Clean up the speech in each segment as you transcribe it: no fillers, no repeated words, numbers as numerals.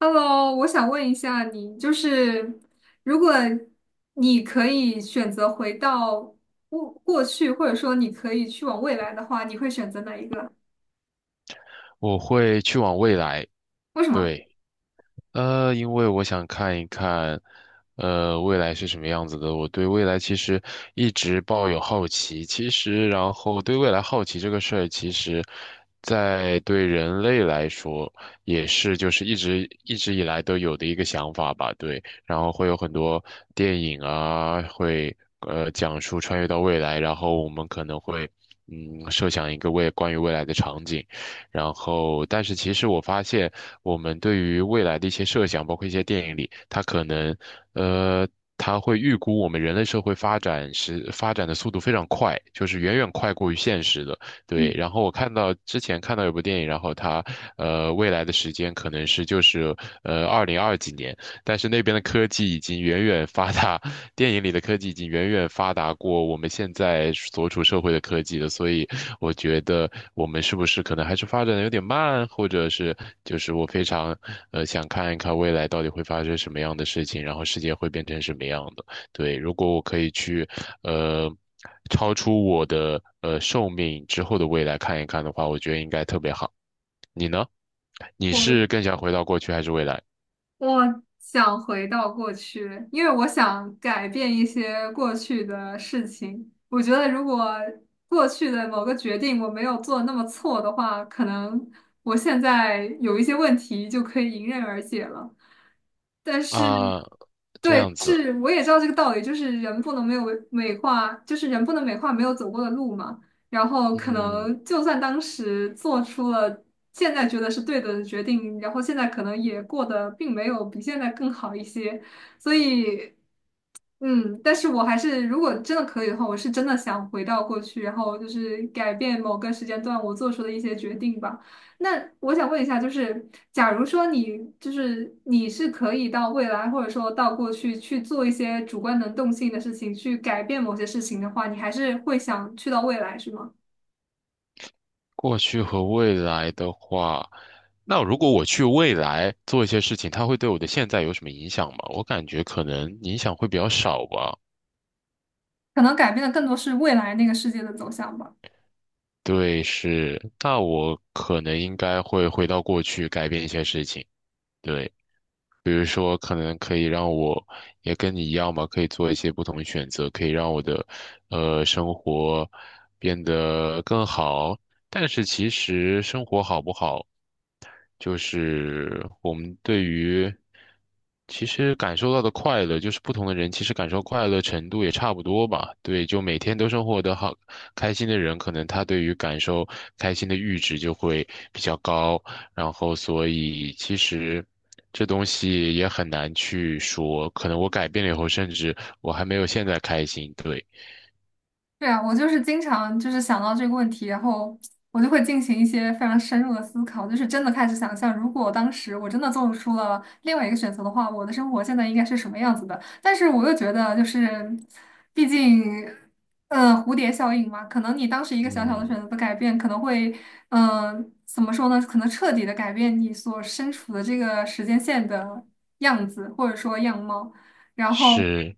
Hello,我想问一下你，就是如果你可以选择回到过去，或者说你可以去往未来的话，你会选择哪一个？我会去往未来，为什么？对，因为我想看一看，未来是什么样子的。我对未来其实一直抱有好奇，其实然后对未来好奇这个事儿，其实，在对人类来说也是就是一直一直以来都有的一个想法吧，对。然后会有很多电影啊，会讲述穿越到未来，然后我们可能会设想一个未关于未来的场景。然后，但是其实我发现，我们对于未来的一些设想，包括一些电影里，它可能，呃，它会预估我们人类社会发展的速度非常快，就是远远快过于现实的。对，嗯，然后我看到之前看到有部电影，然后它，未来的时间可能是就是二零二几年，但是那边的科技已经远远发达，电影里的科技已经远远发达过我们现在所处社会的科技了，所以我觉得我们是不是可能还是发展的有点慢，或者是就是我非常想看一看未来到底会发生什么样的事情，然后世界会变成什么样的。对，如果我可以去呃超出我的寿命之后的未来看一看的话，我觉得应该特别好。你呢？你是我。更想回到过去还是未来？我想回到过去，因为我想改变一些过去的事情。我觉得如果过去的某个决定我没有做那么错的话，可能我现在有一些问题就可以迎刃而解了。但是，啊，这对，样子，是我也知道这个道理，就是人不能没有美化，就是人不能美化没有走过的路嘛。然后可嗯，能就算当时做出了现在觉得是对的决定，然后现在可能也过得并没有比现在更好一些，所以但是我还是如果真的可以的话，我是真的想回到过去，然后就是改变某个时间段我做出的一些决定吧。那我想问一下，就是假如说你是可以到未来或者说到过去去做一些主观能动性的事情，去改变某些事情的话，你还是会想去到未来，是吗？过去和未来的话，那如果我去未来做一些事情，它会对我的现在有什么影响吗？我感觉可能影响会比较少吧。可能改变的更多是未来那个世界的走向吧。对，是，那我可能应该会回到过去改变一些事情。对，比如说可能可以让我也跟你一样嘛，可以做一些不同的选择，可以让我的生活变得更好。但是其实生活好不好？就是我们对于其实感受到的快乐，就是不同的人其实感受快乐程度也差不多吧。对，就每天都生活得好开心的人，可能他对于感受开心的阈值就会比较高，然后所以其实。这东西也很难去说，可能我改变了以后，甚至我还没有现在开心。对，对啊，我就是经常就是想到这个问题，然后我就会进行一些非常深入的思考，就是真的开始想象，如果当时我真的做出了另外一个选择的话，我的生活现在应该是什么样子的。但是我又觉得，就是毕竟，蝴蝶效应嘛，可能你当时一个小小的选嗯，择的改变，可能会，怎么说呢？可能彻底的改变你所身处的这个时间线的样子，或者说样貌。然后是，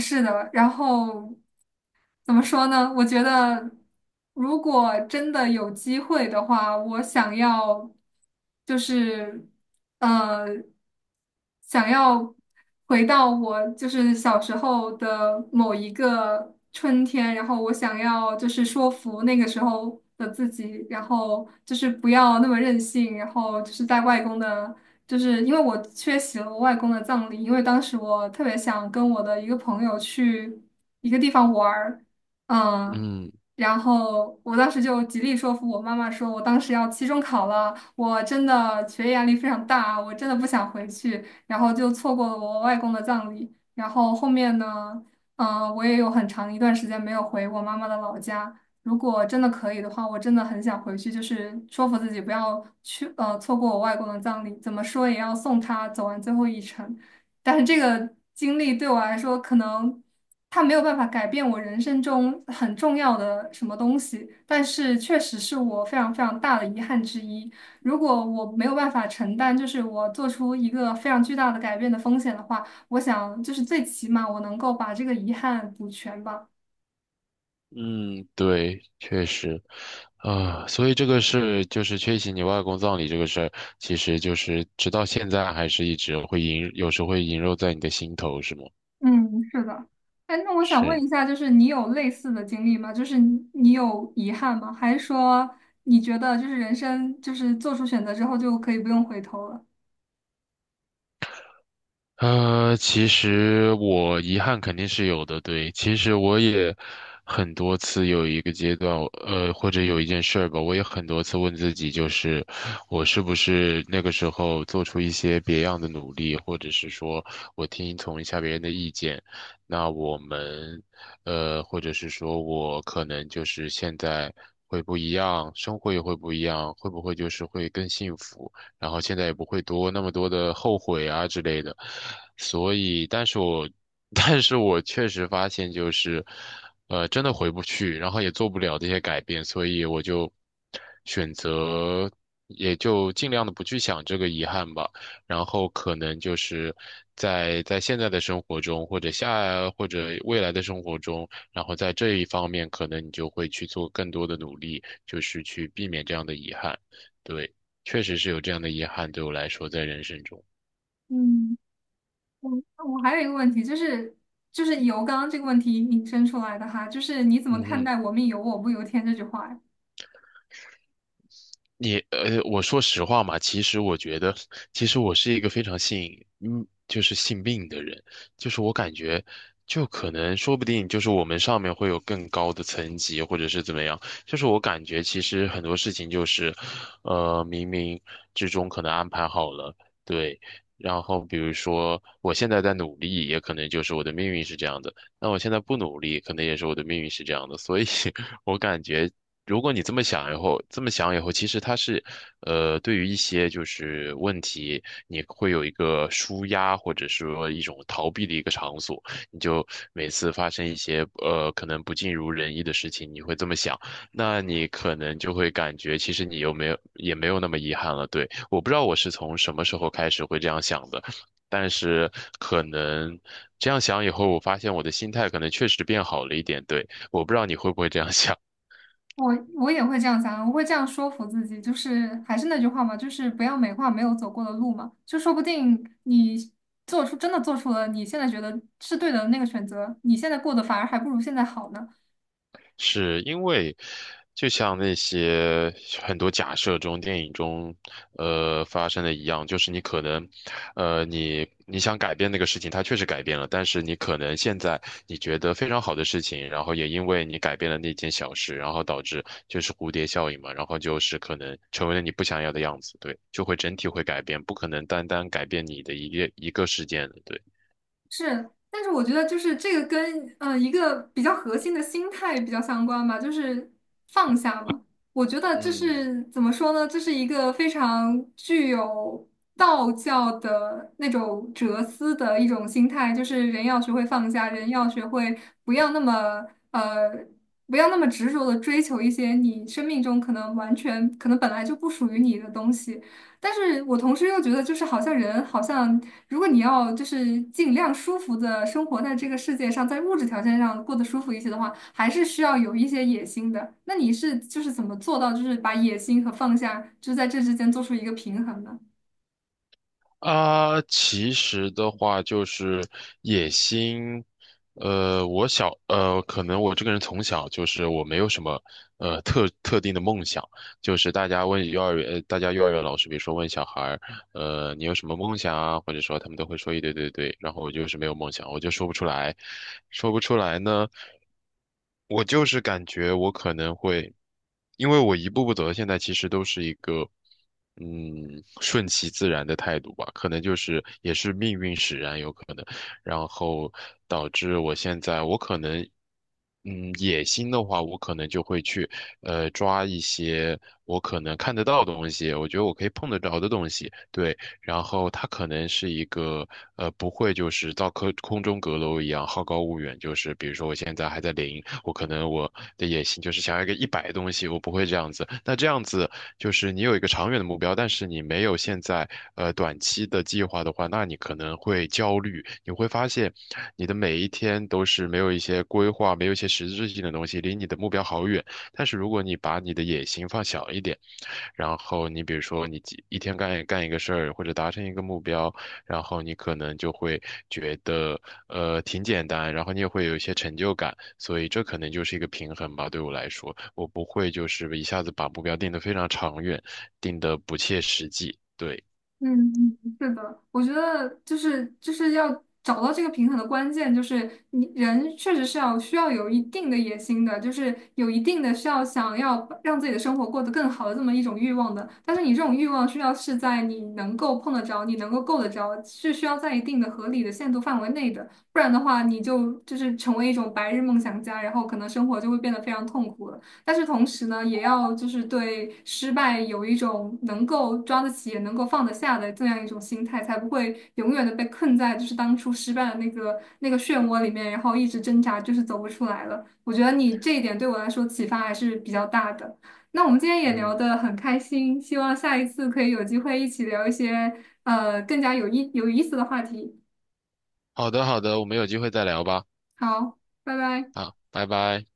是的，然后。怎么说呢？我觉得，如果真的有机会的话，我想要，就是，呃，想要回到我就是小时候的某一个春天，然后我想要就是说服那个时候的自己，然后就是不要那么任性，然后就是在外公的。就是因为我缺席了我外公的葬礼，因为当时我特别想跟我的一个朋友去一个地方玩儿，嗯，嗯。然后我当时就极力说服我妈妈说，我当时要期中考了，我真的学业压力非常大啊，我真的不想回去，然后就错过了我外公的葬礼。然后后面呢，我也有很长一段时间没有回我妈妈的老家。如果真的可以的话，我真的很想回去，就是说服自己不要去，错过我外公的葬礼，怎么说也要送他走完最后一程。但是这个经历对我来说，可能。它没有办法改变我人生中很重要的什么东西，但是确实是我非常非常大的遗憾之一。如果我没有办法承担，就是我做出一个非常巨大的改变的风险的话，我想就是最起码我能够把这个遗憾补全吧。嗯，对，确实，啊，所以这个事就是缺席你外公葬礼这个事儿，其实就是直到现在还是一直会萦，有时会萦绕在你的心头，是吗？嗯，是的。哎，那我想问是。一下，就是你有类似的经历吗？就是你有遗憾吗？还是说你觉得就是人生就是做出选择之后就可以不用回头了？其实我遗憾肯定是有的，对。其实我也很多次有一个阶段，或者有一件事儿吧，我也很多次问自己，就是我是不是那个时候做出一些别样的努力，或者是说我听从一下别人的意见，那我们，或者是说我可能就是现在会不一样，生活也会不一样，会不会就是会更幸福？然后现在也不会多那么多的后悔啊之类的。所以，但是我，但是我确实发现就是，真的回不去，然后也做不了这些改变，所以我就选择，也就尽量的不去想这个遗憾吧。然后可能就是在现在的生活中，或者或者未来的生活中，然后在这一方面，可能你就会去做更多的努力，就是去避免这样的遗憾。对。确实是有这样的遗憾，对我来说，在人生中，嗯我还有一个问题，就是就是"由"刚刚这个问题引申出来的哈，就是你怎么嗯看哼。待"我命由我不由天"这句话呀？我说实话嘛，其实我觉得，其实我是一个非常信，就是信命的人，就是我感觉，就可能说不定就是我们上面会有更高的层级，或者是怎么样，就是我感觉其实很多事情就是，冥冥之中可能安排好了，对，然后比如说我现在在努力，也可能就是我的命运是这样的，那我现在不努力，可能也是我的命运是这样的，所以 我感觉如果你这么想以后，其实它是，对于一些就是问题，你会有一个舒压或者说一种逃避的一个场所。你就每次发生一些可能不尽如人意的事情，你会这么想，那你可能就会感觉其实你又没有也没有那么遗憾了。对，我不知道我是从什么时候开始会这样想的，但是可能这样想以后，我发现我的心态可能确实变好了一点。对，我不知道你会不会这样想。我也会这样想啊，我会这样说服自己，就是还是那句话嘛，就是不要美化没有走过的路嘛，就说不定你做出真的做出了你现在觉得是对的那个选择，你现在过得反而还不如现在好呢。是因为，就像那些很多假设中、电影中，发生的一样，就是你可能，你想改变那个事情，它确实改变了，但是你可能现在你觉得非常好的事情，然后也因为你改变了那件小事，然后导致就是蝴蝶效应嘛，然后就是可能成为了你不想要的样子，对，就会整体会改变，不可能单单改变你的一个一个事件的，对。是，但是我觉得就是这个跟一个比较核心的心态比较相关吧，就是放下嘛。我觉得这嗯，是怎么说呢？这是一个非常具有道教的那种哲思的一种心态，就是人要学会放下，人要学会不要那么呃不要那么执着的追求一些你生命中可能完全可能本来就不属于你的东西。但是我同时又觉得，就是好像人好像，如果你要就是尽量舒服的生活在这个世界上，在物质条件上过得舒服一些的话，还是需要有一些野心的。那你是就是怎么做到，就是把野心和放下，就是在这之间做出一个平衡呢？啊，其实的话就是野心，可能我这个人从小就是我没有什么，特定的梦想，就是大家幼儿园老师，比如说问小孩儿，你有什么梦想啊？或者说他们都会说一堆对对，然后我就是没有梦想，我就说不出来，说不出来呢。我就是感觉我可能会，因为我一步步走到现在，其实都是一个，顺其自然的态度吧。可能就是也是命运使然，有可能，然后导致我现在，我可能，野心的话，我可能就会去，抓一些我可能看得到的东西，我觉得我可以碰得着的东西，对，然后它可能是一个不会就是到空中阁楼一样好高骛远，就是比如说我现在还在零，我可能我的野心就是想要一个100的东西，我不会这样子。那这样子就是你有一个长远的目标，但是你没有现在短期的计划的话，那你可能会焦虑，你会发现你的每一天都是没有一些规划，没有一些实质性的东西，离你的目标好远。但是如果你把你的野心放小一点，然后你比如说你一天干一个事儿或者达成一个目标，然后你可能就会觉得挺简单，然后你也会有一些成就感，所以这可能就是一个平衡吧。对我来说，我不会就是一下子把目标定得非常长远，定得不切实际。对，嗯，嗯是的，我觉得就是就是要找到这个平衡的关键，就是你人确实是要需要有一定的野心的，就是有一定的需要想要把让自己的生活过得更好的这么一种欲望的。但是你这种欲望需要是在你能够碰得着、你能够够得着，是需要在一定的合理的限度范围内的，不然的话，你就就是成为一种白日梦想家，然后可能生活就会变得非常痛苦了。但是同时呢，也要就是对失败有一种能够抓得起也能够放得下的这样一种心态，才不会永远的被困在就是当初失败的那个漩涡里面，然后一直挣扎，就是走不出来了。我觉得你这一点对我来说启发还是比较大的。那我们今天也聊嗯，得很开心，希望下一次可以有机会一起聊一些更加有意思的话题。好的好的，我们有机会再聊吧。好，拜拜。啊，拜拜。